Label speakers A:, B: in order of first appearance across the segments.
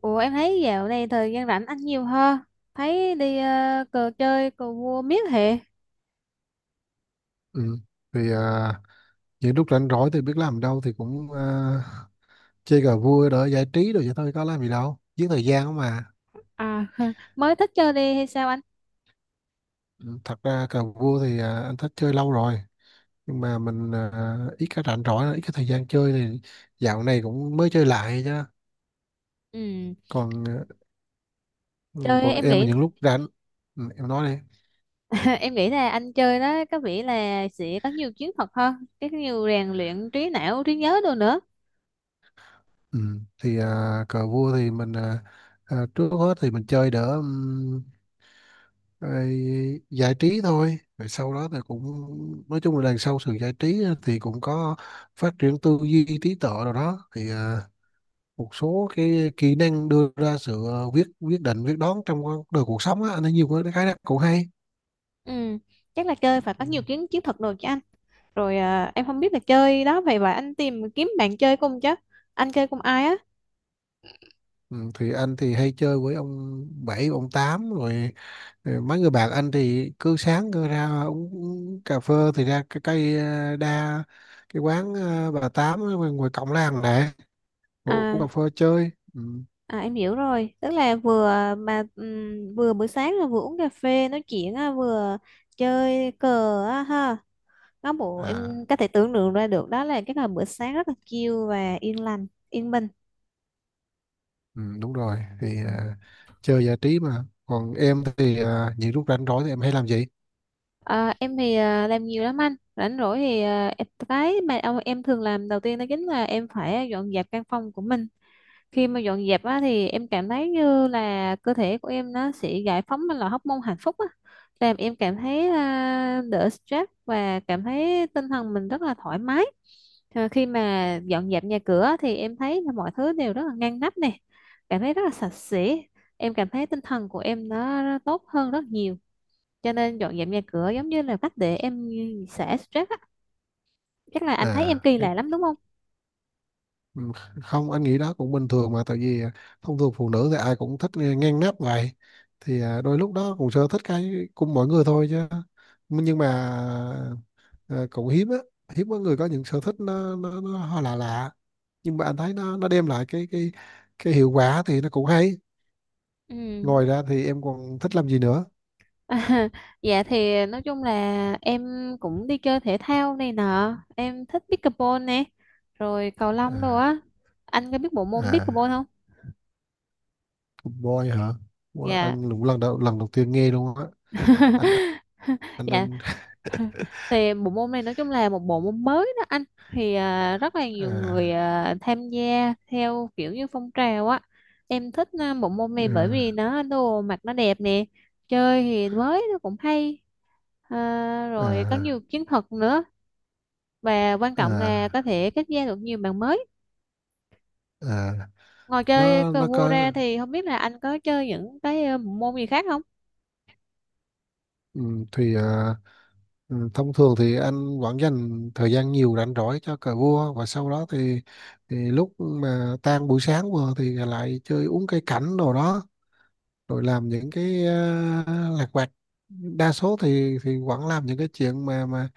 A: Ủa em thấy dạo này thời gian rảnh anh nhiều ha. Thấy đi ờ, cờ chơi cờ vua miết hệ.
B: Ừ. Vì những lúc rảnh rỗi thì biết làm đâu thì cũng chơi cờ vua đỡ giải trí rồi vậy thôi, có làm gì đâu, giết thời gian không mà.
A: À mới thích chơi đi hay sao anh?
B: Ừ, thật ra cờ vua thì anh thích chơi lâu rồi, nhưng mà mình ít cái rảnh rỗi, ít cái thời gian chơi, thì dạo này cũng mới chơi lại chứ.
A: Ừ,
B: Còn
A: chơi
B: còn
A: em
B: em là
A: nghĩ
B: những lúc rảnh. Ừ, em nói đi.
A: em nghĩ là anh chơi đó có vẻ là sẽ có nhiều chiến thuật hơn, cái nhiều rèn luyện trí não, trí nhớ đồ nữa.
B: Ừ, thì cờ vua thì mình trước hết thì mình chơi đỡ, rồi giải trí thôi, rồi sau đó thì cũng, nói chung là đằng sau sự giải trí á, thì cũng có phát triển tư duy trí tuệ rồi đó, thì một số cái kỹ năng đưa ra sự quyết quyết định quyết đoán trong con đời cuộc sống á, anh thấy nhiều cái khái năng cũng hay.
A: Ừ, chắc là chơi phải có
B: Ừ.
A: nhiều chiến chiến thuật đồ chứ anh. Rồi em không biết là chơi đó vậy và anh tìm kiếm bạn chơi cùng chứ. Anh chơi cùng ai á?
B: Ừ, thì anh thì hay chơi với ông bảy ông tám, rồi rồi mấy người bạn anh thì cứ sáng cứ ra uống cà phê, thì ra cái cây đa, cái quán bà tám ở ngoài ngoài cổng làng này, ngồi uống
A: À
B: cà phê chơi. Ừ.
A: À, em hiểu rồi, tức là vừa mà vừa buổi sáng là vừa uống cà phê nói chuyện á, vừa chơi cờ á ha. Có bộ em
B: À.
A: có thể tưởng tượng ra được đó là cái là bữa sáng rất là chill và yên lành, yên bình.
B: Ừ, đúng rồi, thì
A: Ừ.
B: chơi giải trí mà. Còn em thì những lúc rảnh rỗi thì em hay làm gì?
A: À, em thì làm nhiều lắm anh, rảnh rỗi thì em thường làm đầu tiên đó chính là em phải dọn dẹp căn phòng của mình. Khi mà dọn dẹp á, thì em cảm thấy như là cơ thể của em nó sẽ giải phóng ra loại hormone hạnh phúc á, làm em cảm thấy đỡ stress và cảm thấy tinh thần mình rất là thoải mái. À, khi mà dọn dẹp nhà cửa thì em thấy là mọi thứ đều rất là ngăn nắp nè, cảm thấy rất là sạch sẽ, em cảm thấy tinh thần của em nó tốt hơn rất nhiều, cho nên dọn dẹp nhà cửa giống như là cách để em xả stress á. Chắc là anh thấy em
B: À
A: kỳ
B: cái
A: lạ lắm đúng không?
B: Ừ, không, anh nghĩ đó cũng bình thường mà, tại vì thông thường phụ nữ thì ai cũng thích nghe- ngang nắp vậy, thì đôi lúc đó cũng sở thích cái cùng mọi người thôi chứ. Nhưng mà cũng hiếm á, hiếm có người có những sở thích nó hơi lạ lạ, nhưng mà anh thấy nó đem lại cái cái hiệu quả thì nó cũng hay.
A: Ừ.
B: Ngoài ra thì em còn thích làm gì nữa?
A: À, dạ thì nói chung là em cũng đi chơi thể thao này nọ, em thích pickleball nè, rồi cầu lông đồ
B: à,
A: á. Anh có biết bộ môn
B: à.
A: pickleball không?
B: Food Boy hả? Ủa,
A: Dạ
B: anh cũng lần đầu tiên nghe luôn á. Anh, anh
A: dạ
B: anh
A: thì bộ môn này nói chung là một bộ môn mới đó anh, thì rất là nhiều người
B: à
A: tham gia theo kiểu như phong trào á. Em thích bộ môn này bởi vì
B: à
A: nó đồ mặc nó đẹp nè, chơi thì mới nó cũng hay. À, rồi có
B: à
A: nhiều chiến thuật nữa, và quan trọng là có
B: à,
A: thể kết giao được nhiều bạn mới.
B: à.
A: Ngoài chơi
B: nó
A: cờ
B: nó
A: vua ra
B: có.
A: thì không biết là anh có chơi những cái bộ môn gì khác không?
B: Ừ, thì thông thường thì anh vẫn dành thời gian nhiều rảnh rỗi cho cờ vua, và sau đó thì lúc mà tan buổi sáng vừa thì lại chơi uống cây cảnh đồ đó, rồi làm những cái lặt vặt. Đa số thì vẫn làm những cái chuyện mà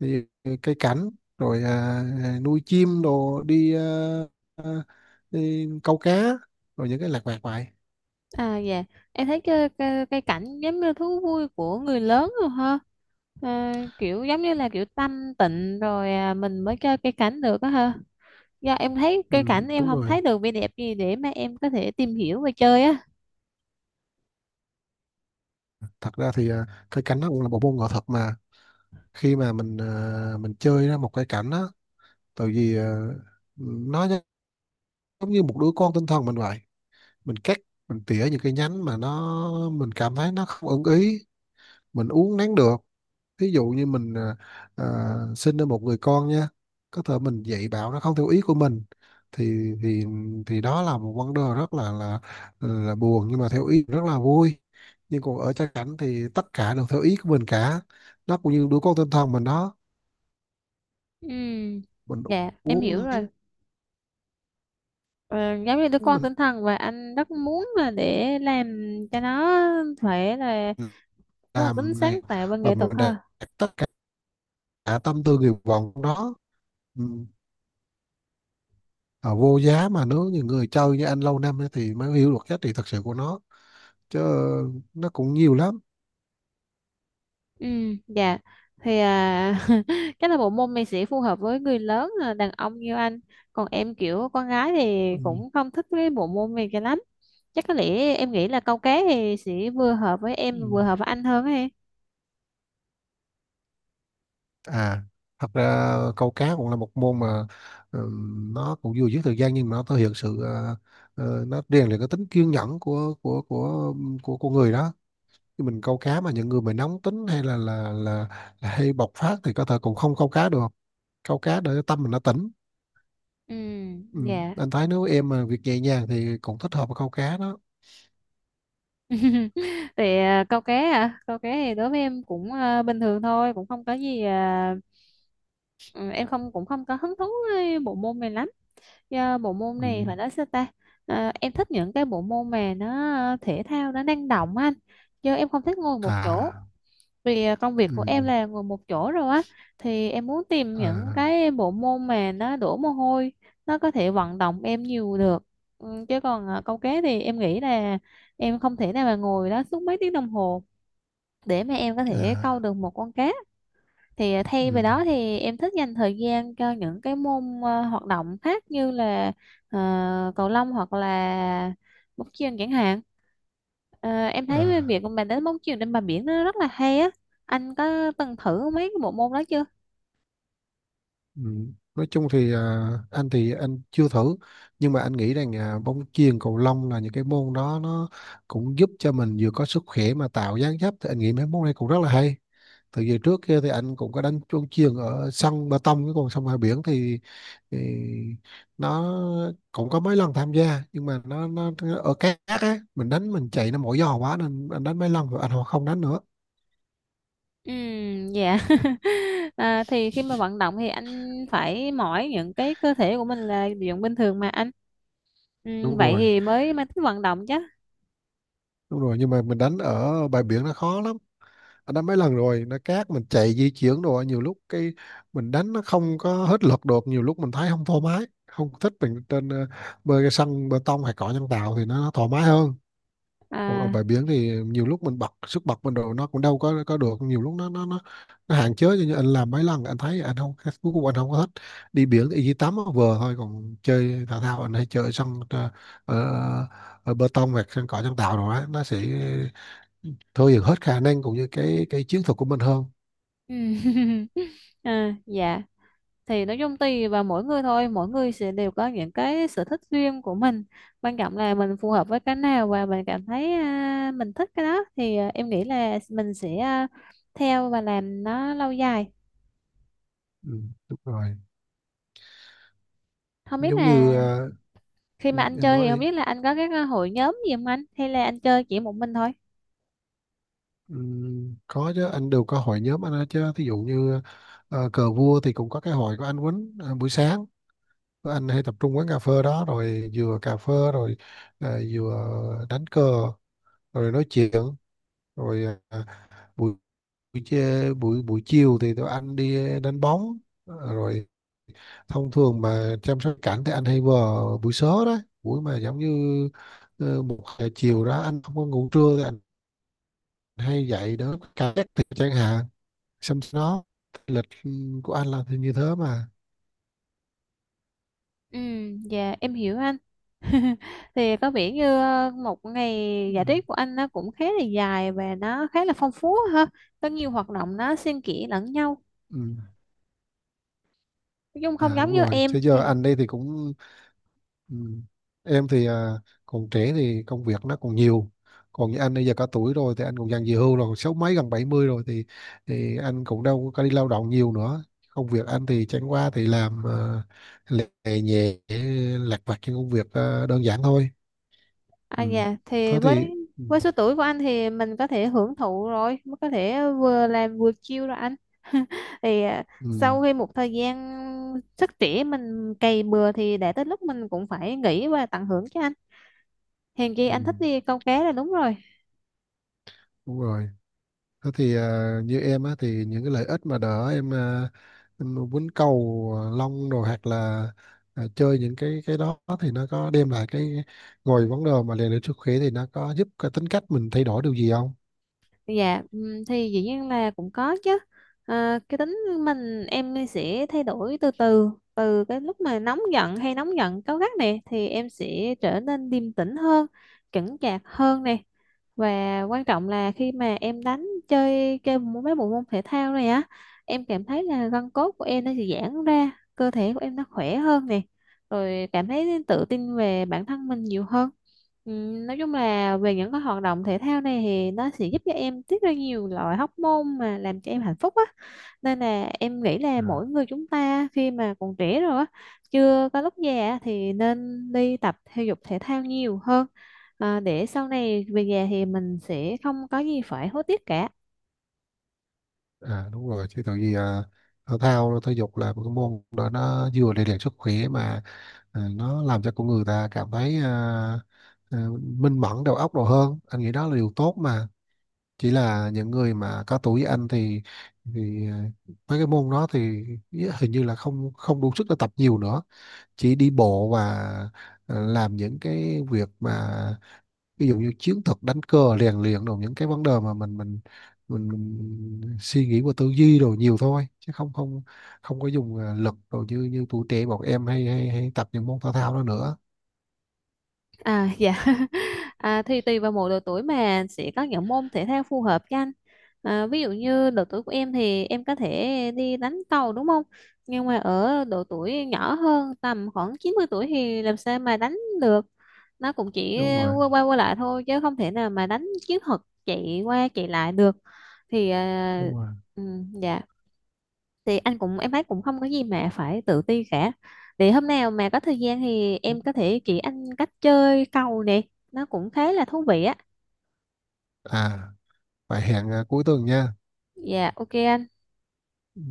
B: thì cây cảnh, rồi nuôi chim đồ đi, à, đi câu cá, rồi những cái lặt vặt vậy.
A: À dạ, em thấy cái cảnh giống như thú vui của người lớn rồi ha. À, kiểu giống như là kiểu tanh tịnh rồi mình mới chơi cây cảnh được á ha. Do em thấy
B: Ừ,
A: cây cảnh em
B: đúng
A: không
B: rồi,
A: thấy được vẻ đẹp gì để mà em có thể tìm hiểu và chơi á.
B: thật ra thì cây cảnh nó cũng là một môn nghệ thuật mà. Khi mà mình mình chơi ra một cây cảnh á, tại vì nó giống như một đứa con tinh thần mình vậy. Mình cắt, mình tỉa những cái nhánh mà nó mình cảm thấy nó không ưng ý, mình uốn nắn được. Thí dụ như mình sinh ra một người con nhé, có thể mình dạy bảo nó không theo ý của mình, thì thì thì đó là một vấn đề rất là là buồn, nhưng mà theo ý rất là vui. Nhưng còn ở cha cảnh thì tất cả đều theo ý của mình cả, nó cũng như đứa con tinh thần mình đó.
A: Ừ,
B: Mình
A: dạ, em hiểu
B: uống
A: rồi.
B: nắng,
A: Ờ, giống như đứa con
B: mình
A: tinh thần, và anh rất muốn là để làm cho nó phải là có một tính
B: làm này,
A: sáng tạo và
B: và
A: nghệ thuật
B: mình
A: ha.
B: đạt tất cả tâm tư nguyện vọng của nó. Ừ. Vô giá mà, nếu như người chơi như anh lâu năm ấy thì mới hiểu được giá trị thật sự của nó chứ, nó cũng nhiều lắm.
A: Ừ, dạ thì chắc là bộ môn này sẽ phù hợp với người lớn, đàn ông như anh, còn em kiểu con gái thì
B: Ừ.
A: cũng không thích cái bộ môn này cho lắm. Chắc có lẽ em nghĩ là câu cá thì sẽ vừa hợp với
B: Ừ.
A: em vừa hợp với anh hơn ấy.
B: À, thật ra câu cá cũng là một môn mà nó cũng vừa giết thời gian, nhưng mà nó thể hiện sự nó rèn luyện cái tính kiên nhẫn của của con người đó. Chứ mình câu cá mà những người mà nóng tính hay là hay bộc phát thì có thể cũng không câu cá được, câu cá để tâm mình nó tỉnh.
A: Ừ,
B: Ừ.
A: dạ
B: Anh thấy nếu em mà việc nhẹ nhàng thì cũng thích hợp với câu cá đó.
A: thì câu cá câu cá thì đối với em cũng bình thường thôi, cũng không có gì à, ừ, em không, cũng không có hứng thú với bộ môn này lắm, do bộ môn
B: Ừ.
A: này phải nói sao ta. Ờ, em thích những cái bộ môn mà nó ờ, thể thao nó năng động á anh, chứ em không thích ngồi một chỗ,
B: À.
A: vì công việc
B: Ừ.
A: của em là ngồi một chỗ rồi á, thì em muốn tìm những
B: À.
A: cái bộ môn mà nó đổ mồ hôi, nó có thể vận động em nhiều được. Ừ, chứ còn câu cá thì em nghĩ là em không thể nào mà ngồi đó suốt mấy tiếng đồng hồ để mà em có thể câu
B: À.
A: được một con cá, thì ờ, thay vì
B: Ừ.
A: đó thì em thích dành thời gian cho những cái môn ờ, hoạt động khác như là ờ, cầu lông hoặc là bóng chuyền chẳng hạn. Ờ, em thấy cái
B: À.
A: việc mà đánh bóng chuyền trên bờ biển nó rất là hay á. Anh có từng thử mấy cái bộ môn đó chưa?
B: Ừ. Nói chung thì anh thì anh chưa thử, nhưng mà anh nghĩ rằng bóng chuyền cầu lông là những cái môn đó, nó cũng giúp cho mình vừa có sức khỏe mà tạo dáng dấp, thì anh nghĩ mấy môn này cũng rất là hay. Từ giờ trước kia thì anh cũng có đánh bóng chuyền ở sân bê tông, chứ còn sông ngoài biển thì nó cũng có mấy lần tham gia, nhưng mà nó ở cát á, mình đánh mình chạy nó mỏi giò quá, nên anh đánh mấy lần rồi anh không đánh nữa.
A: Ừ, dạ à, thì khi mà vận động thì anh phải mỏi những cái cơ thể của mình là dụng bình thường mà anh. Ừ,
B: Đúng
A: vậy
B: rồi,
A: thì mới mới thích vận động chứ.
B: đúng rồi, nhưng mà mình đánh ở bãi biển nó khó lắm, anh đánh mấy lần rồi, nó cát mình chạy di chuyển đồ, nhiều lúc cái mình đánh nó không có hết lực được, nhiều lúc mình thấy không thoải mái, không thích. Mình trên bơi cái sân bê tông hay cỏ nhân tạo thì nó thoải mái hơn. Còn ở
A: À
B: bãi biển thì nhiều lúc mình bật sức bật mình đồ, nó cũng đâu có được, nhiều lúc nó hạn chế, cho nên anh làm mấy lần anh thấy anh không, cuối cùng anh không có thích. Đi biển thì chỉ tắm nó vừa thôi, còn chơi thể thao anh hay chơi sân ở, ở bê tông hoặc sân cỏ nhân tạo rồi á, nó sẽ thôi dần hết khả năng cũng như cái chiến thuật của mình hơn.
A: ừ. à, dạ thì nói chung tùy vào mỗi người thôi, mỗi người sẽ đều có những cái sở thích riêng của mình, quan trọng là mình phù hợp với cái nào và mình cảm thấy mình thích cái đó thì em nghĩ là mình sẽ theo và làm nó lâu dài.
B: Ừ, đúng rồi,
A: Không biết
B: giống như
A: là khi mà
B: ừ,
A: anh
B: em
A: chơi
B: nói
A: thì không
B: đi.
A: biết là anh có các hội nhóm gì không anh, hay là anh chơi chỉ một mình thôi.
B: Ừ, có chứ, anh đều có hội nhóm anh hết chứ. Thí dụ như cờ vua thì cũng có cái hội của anh Quýnh, buổi sáng tụi anh hay tập trung quán cà phê đó, rồi vừa cà phê, rồi vừa đánh cờ, rồi nói chuyện, rồi ờ, buổi buổi chê- buổi buổi chiều thì tụi anh đi đánh bóng, rồi thông thường mà chăm sóc cảnh thì anh hay vào buổi sớm đó, buổi mà giống như 1 giờ chiều đó, anh không có ngủ trưa thì anh hay dậy đỡ cả thì chẳng hạn. Xong nó lịch của anh là thì như thế mà.
A: Ừ, dạ em hiểu anh. Thì có vẻ như ờ, một ngày
B: Ừ.
A: giải trí của anh nó cũng khá là dài và nó khá là phong phú ha, có nhiều hoạt động nó xen kẽ lẫn nhau.
B: Ừ.
A: Dung không
B: À,
A: giống
B: đúng
A: như
B: rồi chứ,
A: em
B: giờ
A: thì
B: anh đây thì cũng. Ừ. Em thì còn trẻ thì công việc nó còn nhiều, còn như anh bây giờ cả tuổi rồi thì anh cũng dần về hưu rồi, còn sáu mấy gần 70 rồi thì anh cũng đâu có đi lao động nhiều nữa. Công việc anh thì chẳng qua thì làm lề nhẹ, lặt vặt những công việc đơn giản thôi.
A: à
B: Ừ.
A: dạ
B: Thế
A: thì
B: thì. Ừ.
A: với số tuổi của anh thì mình có thể hưởng thụ rồi, mới có thể vừa làm vừa chill rồi anh. Thì
B: Ừ.
A: sau khi một thời gian sức trẻ mình cày bừa thì đã tới lúc mình cũng phải nghỉ và tận hưởng chứ anh. Hèn chi
B: Ừ.
A: anh thích đi câu cá là đúng rồi.
B: Đúng rồi. Thế thì như em á thì những cái lợi ích mà đỡ em, em quýnh cầu lông rồi, hoặc là chơi những cái đó thì nó có đem lại cái ngồi vấn đề mà rèn luyện sức khỏe, thì nó có giúp cái tính cách mình thay đổi điều gì không?
A: Dạ, thì dĩ nhiên là cũng có chứ. À, cái tính mình em sẽ thay đổi từ từ, từ cái lúc mà nóng giận hay nóng giận cáu gắt này thì em sẽ trở nên điềm tĩnh hơn, chững chạc hơn này. Và quan trọng là khi mà em đánh chơi chơi môn- mấy bộ môn thể thao này á, em cảm thấy là gân cốt của em nó sẽ giãn ra, cơ thể của em nó khỏe hơn này. Rồi cảm thấy tự tin về bản thân mình nhiều hơn. Nói chung là về những cái hoạt động thể thao này thì nó sẽ giúp cho em tiết ra nhiều loại hormone mà làm cho em hạnh phúc á, nên là em nghĩ là
B: À.
A: mỗi người chúng ta khi mà còn trẻ rồi á, chưa có lúc già á, thì nên đi tập thể dục thể thao nhiều hơn, để sau này về già thì mình sẽ không có gì phải hối tiếc cả.
B: À, đúng rồi chứ, tại vì thể thao thể dục là một cái môn đó, nó vừa rèn luyện sức khỏe mà nó làm cho con người ta cảm thấy minh mẫn đầu óc đồ hơn, anh nghĩ đó là điều tốt mà. Chỉ là những người mà có tuổi anh thì thì ờ, mấy cái môn đó thì ý- hình như là không không đủ sức để tập nhiều nữa, chỉ đi bộ và làm những cái việc mà ví dụ như chiến thuật đánh cờ rèn luyện, rồi những cái vấn đề mà mình suy nghĩ và tư duy rồi nhiều thôi, chứ không không không có dùng lực rồi như như tuổi trẻ bọn em hay hay, hay tập những môn thể thao đó nữa.
A: À dạ à, thì tùy vào mỗi độ tuổi mà sẽ có những môn thể thao phù hợp cho anh, ví dụ như độ tuổi của em thì em có thể đi đánh cầu đúng không, nhưng mà ở độ tuổi nhỏ hơn tầm khoảng 90 tuổi thì làm sao mà đánh được, nó cũng chỉ
B: Đúng rồi,
A: qua qua, qua lại thôi chứ không thể nào mà đánh chiến thuật chạy qua chạy lại được. Thì à,
B: đúng rồi.
A: ừ, dạ thì anh cũng em thấy cũng không có gì mà phải tự ti cả, thì hôm nào mà có thời gian thì em có thể chỉ anh cách chơi cầu nè, nó cũng khá là thú vị á.
B: À, phải hẹn cuối tuần nha.
A: Dạ ok anh.
B: Ừ.